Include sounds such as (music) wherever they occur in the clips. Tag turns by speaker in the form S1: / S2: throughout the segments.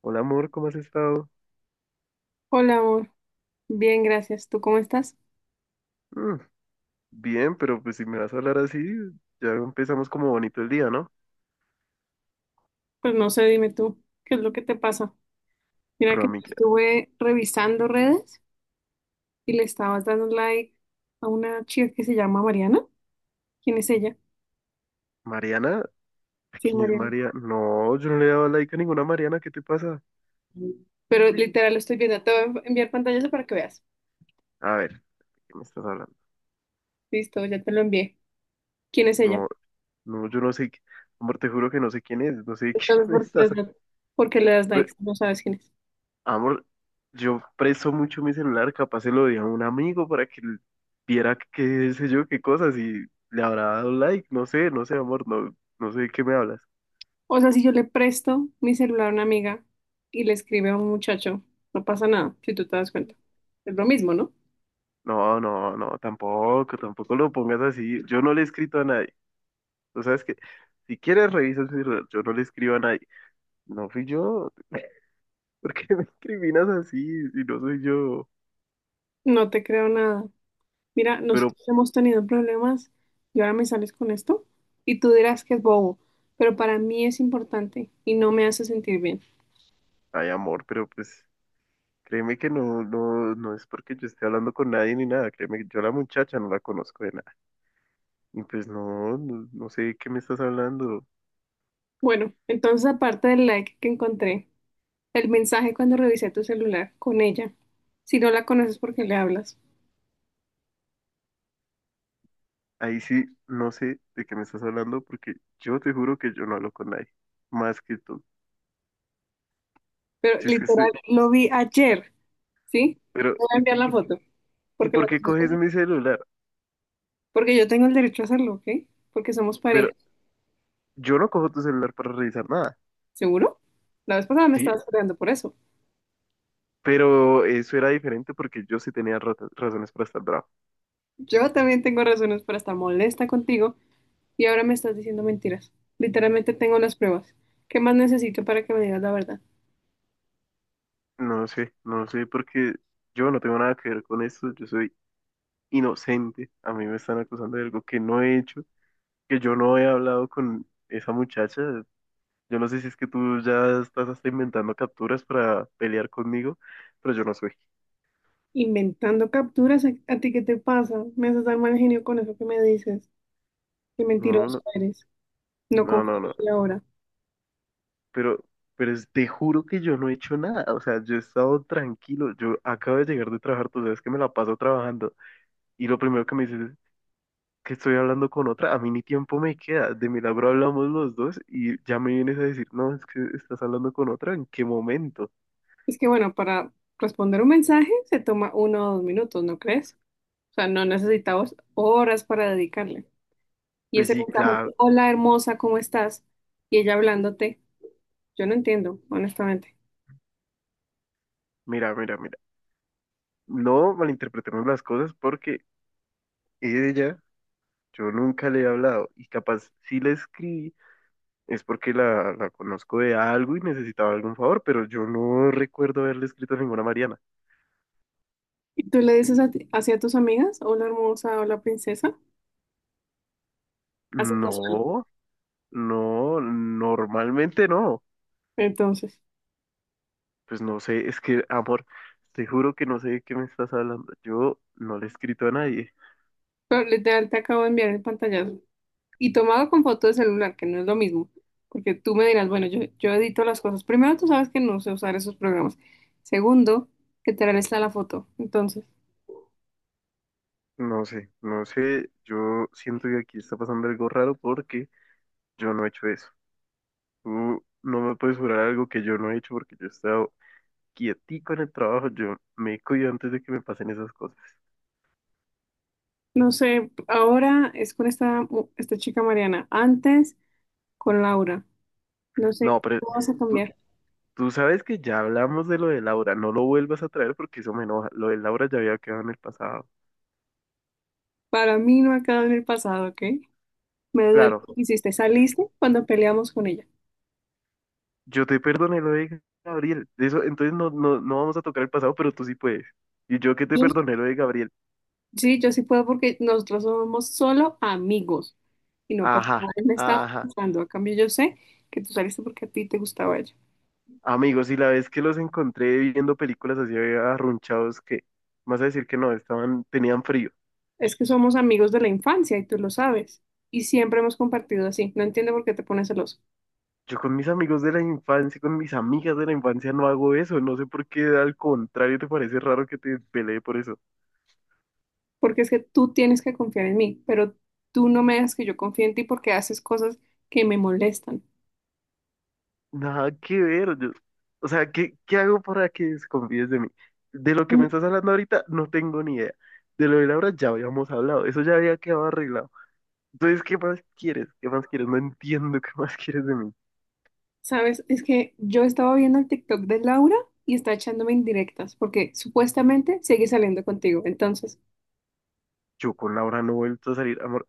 S1: Hola amor, ¿cómo has estado?
S2: Hola, amor. Bien, gracias. ¿Tú cómo estás?
S1: Mm, bien, pero pues si me vas a hablar así, ya empezamos como bonito el día, ¿no?
S2: Pues no sé, dime tú, ¿qué es lo que te pasa? Mira
S1: Pero a
S2: que
S1: mí,
S2: estuve revisando redes y le estabas dando like a una chica que se llama Mariana. ¿Quién es ella?
S1: Mariana,
S2: Sí,
S1: ¿quién es
S2: Mariana.
S1: María? No, yo no le he dado like a ninguna Mariana, ¿qué te pasa?
S2: Pero literal lo estoy viendo. Te voy a enviar pantallas para que veas.
S1: A ver, ¿qué me estás hablando?
S2: Listo, ya te lo envié. ¿Quién es ella?
S1: No, no, yo no sé, amor, te juro que no sé quién es, no sé de quién (laughs)
S2: Entonces,
S1: me
S2: ¿por qué le
S1: estás.
S2: das, por qué le das
S1: Pero,
S2: likes? No sabes quién es.
S1: amor, yo presto mucho mi celular, capaz se lo di a un amigo para que viera qué sé yo, qué cosas y le habrá dado like, no sé, no sé, amor, no, no sé de qué me hablas.
S2: O sea, si yo le presto mi celular a una amiga y le escribe a un muchacho, no pasa nada, si tú te das cuenta. Es lo mismo, ¿no?
S1: No, no, no, tampoco, tampoco lo pongas así. Yo no le he escrito a nadie. O sea, es que si quieres revisas mi celular, yo no le escribo a nadie. No fui yo. (laughs) ¿Por qué me incriminas así si no soy yo?
S2: No te creo nada. Mira,
S1: Pero,
S2: nosotros hemos tenido problemas y ahora me sales con esto y tú dirás que es bobo, pero para mí es importante y no me hace sentir bien.
S1: ay, amor, pero pues créeme que no, no, no es porque yo esté hablando con nadie ni nada. Créeme que yo a la muchacha no la conozco de nada. Y pues no, no, no sé de qué me estás hablando.
S2: Bueno, entonces aparte del like que encontré, el mensaje cuando revisé tu celular con ella, si no la conoces porque le hablas,
S1: Ahí sí, no sé de qué me estás hablando porque yo te juro que yo no hablo con nadie más que tú.
S2: pero
S1: Si es que
S2: literal
S1: estoy,
S2: lo vi ayer, ¿sí?
S1: pero,
S2: Te voy a
S1: y,
S2: enviar la
S1: y
S2: foto
S1: ¿y
S2: porque,
S1: por qué
S2: la
S1: coges mi celular?
S2: porque yo tengo el derecho a hacerlo, ¿ok? Porque somos
S1: Pero
S2: pareja,
S1: yo no cojo tu celular para revisar nada.
S2: ¿seguro? La vez pasada me
S1: Sí,
S2: estabas peleando por eso.
S1: pero eso era diferente porque yo sí tenía razones para estar bravo.
S2: Yo también tengo razones para estar molesta contigo. Y ahora me estás diciendo mentiras. Literalmente tengo las pruebas. ¿Qué más necesito para que me digas la verdad?
S1: No sé, no sé, porque yo no tengo nada que ver con eso. Yo soy inocente. A mí me están acusando de algo que no he hecho, que yo no he hablado con esa muchacha. Yo no sé si es que tú ya estás hasta inventando capturas para pelear conmigo, pero yo no soy.
S2: Inventando capturas, ¿a ti qué te pasa? Me haces dar mal genio con eso que me dices. Qué
S1: No,
S2: mentiroso
S1: no,
S2: eres. No
S1: no,
S2: confío
S1: no,
S2: en
S1: no.
S2: ti ahora.
S1: Pero, pero te juro que yo no he hecho nada, o sea, yo he estado tranquilo, yo acabo de llegar de trabajar, tú sabes que me la paso trabajando, y lo primero que me dices es que estoy hablando con otra, a mí ni tiempo me queda, de milagro hablamos los dos, y ya me vienes a decir, no, es que estás hablando con otra, ¿en qué momento?
S2: Es que bueno, para responder un mensaje se toma 1 o 2 minutos, ¿no crees? O sea, no necesitamos horas para dedicarle. Y
S1: Pues
S2: ese
S1: sí, claro,
S2: mensaje, hola hermosa, ¿cómo estás? Y ella hablándote, yo no entiendo, honestamente.
S1: mira, mira, mira, no malinterpretemos las cosas porque ella, yo nunca le he hablado, y capaz sí le escribí es porque la conozco de algo y necesitaba algún favor, pero yo no recuerdo haberle escrito a ninguna Mariana.
S2: ¿Y tú le dices así a tus amigas, hola hermosa, hola princesa? Así casual.
S1: No, no, normalmente no.
S2: Entonces,
S1: Pues no sé, es que, amor, te juro que no sé de qué me estás hablando. Yo no le he escrito a nadie.
S2: pero literal te acabo de enviar el pantallazo. Y tomado con foto de celular, que no es lo mismo. Porque tú me dirás, bueno, yo edito las cosas. Primero, tú sabes que no sé usar esos programas. Segundo, que tal está la foto. Entonces,
S1: No sé, no sé, yo siento que aquí está pasando algo raro porque yo no he hecho eso. Tú no me puedes jurar algo que yo no he hecho porque yo he estado quietico en el trabajo, yo me cuido antes de que me pasen esas cosas.
S2: no sé, ahora es con esta, esta chica Mariana. Antes, con Laura. No sé,
S1: No, pero...
S2: ¿cómo vas a
S1: Tú,
S2: cambiar?
S1: Tú sabes que ya hablamos de lo de Laura, no lo vuelvas a traer porque eso me enoja. Lo de Laura ya había quedado en el pasado.
S2: Para mí no ha quedado en el pasado, ¿ok? Me duele
S1: Claro,
S2: lo que hiciste. Saliste cuando peleamos con ella.
S1: yo te perdoné lo de Gabriel. Eso, entonces no, no, no vamos a tocar el pasado, pero tú sí puedes. Y yo que te perdoné lo de Gabriel.
S2: Sí, yo sí puedo porque nosotros somos solo amigos y no pasa
S1: Ajá,
S2: nada. Él me estaba
S1: ajá.
S2: gustando. A cambio, yo sé que tú saliste porque a ti te gustaba ella.
S1: Amigos, y la vez que los encontré viendo películas así arrunchados, que vas a decir que no, estaban, tenían frío.
S2: Es que somos amigos de la infancia y tú lo sabes. Y siempre hemos compartido así. No entiendo por qué te pones celoso.
S1: Yo con mis amigos de la infancia, con mis amigas de la infancia no hago eso. No sé por qué, al contrario, te parece raro que te peleé por eso.
S2: Porque es que tú tienes que confiar en mí, pero tú no me dejas que yo confíe en ti porque haces cosas que me molestan.
S1: Nada que ver. O sea, ¿qué, qué hago para que desconfíes de mí? De lo que me
S2: Mm,
S1: estás hablando ahorita, no tengo ni idea. De lo de Laura ya habíamos hablado. Eso ya había quedado arreglado. Entonces, ¿qué más quieres? ¿Qué más quieres? No entiendo qué más quieres de mí.
S2: ¿sabes? Es que yo estaba viendo el TikTok de Laura y está echándome indirectas porque supuestamente sigue saliendo contigo. Entonces.
S1: Yo con Laura no he vuelto a salir, amor.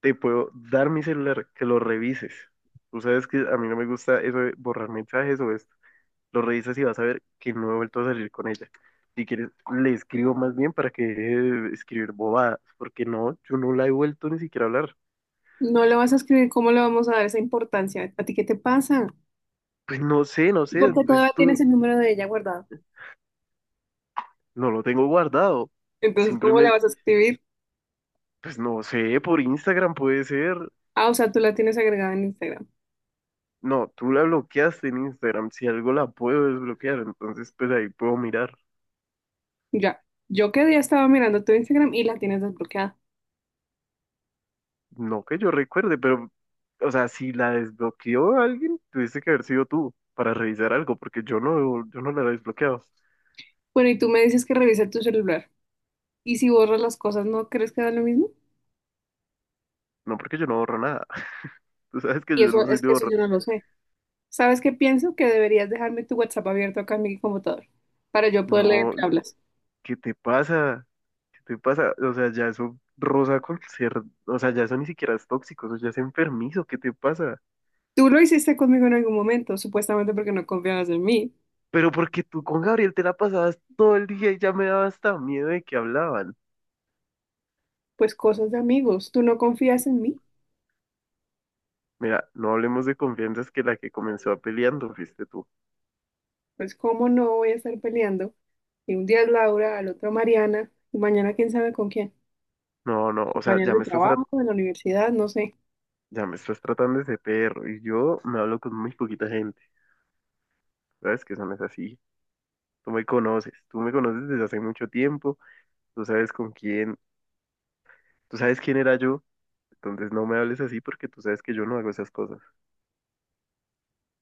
S1: Te puedo dar mi celular, que lo revises. Tú sabes que a mí no me gusta eso de borrar mensajes o esto. Lo revisas y vas a ver que no he vuelto a salir con ella. Si quieres, le escribo más bien para que deje de escribir bobadas, porque no, yo no la he vuelto ni siquiera a hablar.
S2: No le vas a escribir, ¿cómo le vamos a dar esa importancia? ¿A ti qué te pasa?
S1: Pues no sé, no sé,
S2: Porque
S1: pues
S2: todavía
S1: tú,
S2: tienes el número de ella guardado.
S1: no lo tengo guardado.
S2: Entonces, ¿cómo le
S1: Simplemente,
S2: vas a escribir?
S1: pues no sé, por Instagram puede ser.
S2: Ah, o sea, tú la tienes agregada en Instagram.
S1: No, tú la bloqueaste en Instagram, si algo la puedo desbloquear, entonces pues ahí puedo mirar.
S2: Ya. Yo que día estaba mirando tu Instagram y la tienes desbloqueada.
S1: No que yo recuerde, pero, o sea, si la desbloqueó alguien, tuviste que haber sido tú para revisar algo, porque yo no, yo no la he desbloqueado.
S2: Bueno, y tú me dices que revise tu celular. Y si borras las cosas, ¿no crees que da lo mismo?
S1: No porque yo no borro nada. (laughs) Tú sabes que yo
S2: Y eso
S1: no soy
S2: es
S1: de
S2: que eso
S1: borrar.
S2: yo no lo sé. ¿Sabes qué pienso? Que deberías dejarme tu WhatsApp abierto acá en mi computador para yo poder leer
S1: No,
S2: qué hablas.
S1: ¿qué te pasa? ¿Qué te pasa? O sea, ya eso rosa con ser, o sea, ya eso ni siquiera es tóxico, eso ya es enfermizo, ¿qué te pasa?
S2: Tú lo hiciste conmigo en algún momento, supuestamente porque no confiabas en mí.
S1: Pero porque tú con Gabriel te la pasabas todo el día y ya me daba hasta miedo de que hablaban.
S2: Pues cosas de amigos, tú no confías en mí,
S1: Mira, no hablemos de confianzas que la que comenzó peleando fuiste tú.
S2: pues cómo no voy a estar peleando. Y un día es Laura, al otro Mariana, y mañana quién sabe con quién.
S1: No, no, o sea,
S2: Compañeros de trabajo, de la universidad, no sé.
S1: ya me estás tratando de ese perro y yo me hablo con muy poquita gente. Sabes que eso no es así. Tú me conoces desde hace mucho tiempo. Tú sabes con quién, tú sabes quién era yo, entonces no me hables así porque tú sabes que yo no hago esas cosas.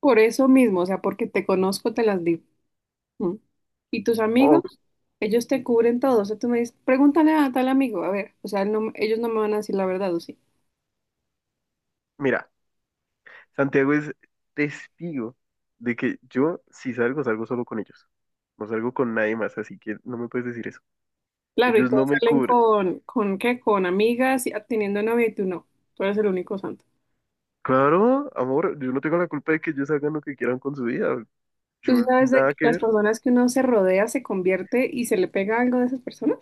S2: Por eso mismo, o sea, porque te conozco, te las digo. ¿Mm? Y tus amigos,
S1: O,
S2: ellos te cubren todo. O sea, tú me dices, pregúntale a tal amigo, a ver, o sea, ellos no me van a decir la verdad, ¿o sí?
S1: mira, Santiago es testigo de que yo si salgo, salgo solo con ellos. No salgo con nadie más, así que no me puedes decir eso.
S2: Claro, y
S1: Ellos no
S2: todos
S1: me
S2: salen
S1: cubren.
S2: ¿con qué? Con amigas, teniendo novia y tú no. Tú eres el único santo.
S1: Claro, amor, yo no tengo la culpa de que ellos hagan lo que quieran con su vida. Yo
S2: ¿Tú sabes de
S1: nada
S2: que
S1: que
S2: las
S1: ver.
S2: personas que uno se rodea se convierte y se le pega algo de esas personas?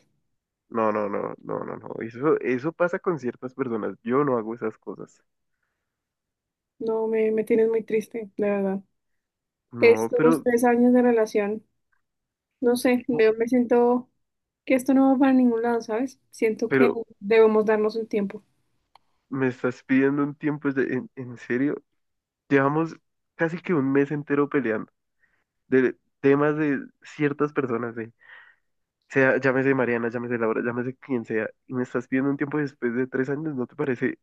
S1: No, no, no, no, no, no. Eso pasa con ciertas personas. Yo no hago esas cosas.
S2: No, me tienes muy triste, de verdad.
S1: No,
S2: Estos
S1: pero,
S2: 3 años de relación, no sé,
S1: po-
S2: me siento que esto no va para ningún lado, ¿sabes? Siento que
S1: pero
S2: debemos darnos un tiempo.
S1: me estás pidiendo un tiempo en serio. Llevamos casi que un mes entero peleando de temas de ciertas personas, ¿eh? Sea, llámese Mariana, llámese Laura, llámese quien sea, y me estás pidiendo un tiempo después de 3 años, ¿no te parece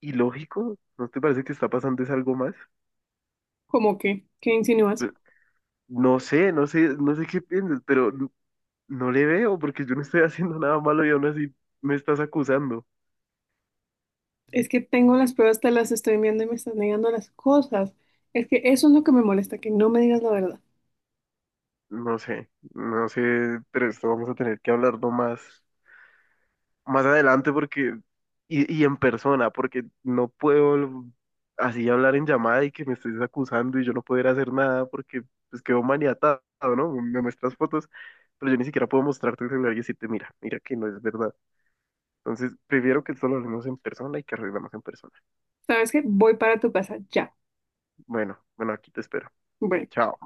S1: ilógico? ¿No te parece que está pasando es algo más?
S2: ¿Cómo que? ¿Qué insinúas?
S1: Pe- No sé, no sé, no sé qué piensas, pero no le veo porque yo no estoy (laughs) haciendo nada malo y aún así me estás acusando.
S2: Es que tengo las pruebas, te las estoy enviando y me estás negando las cosas. Es que eso es lo que me molesta, que no me digas la verdad.
S1: No sé, no sé, pero esto vamos a tener que hablarlo más adelante porque, y en persona, porque no puedo así hablar en llamada y que me estés acusando y yo no poder hacer nada porque pues quedo maniatado, ¿no? Me muestras fotos, pero yo ni siquiera puedo mostrarte el celular y decirte, mira, mira que no es verdad. Entonces, prefiero que solo hablemos en persona y que arreglemos en persona.
S2: ¿Sabes qué? Voy para tu casa ya.
S1: Bueno, bueno, aquí te espero.
S2: Bueno.
S1: Chao.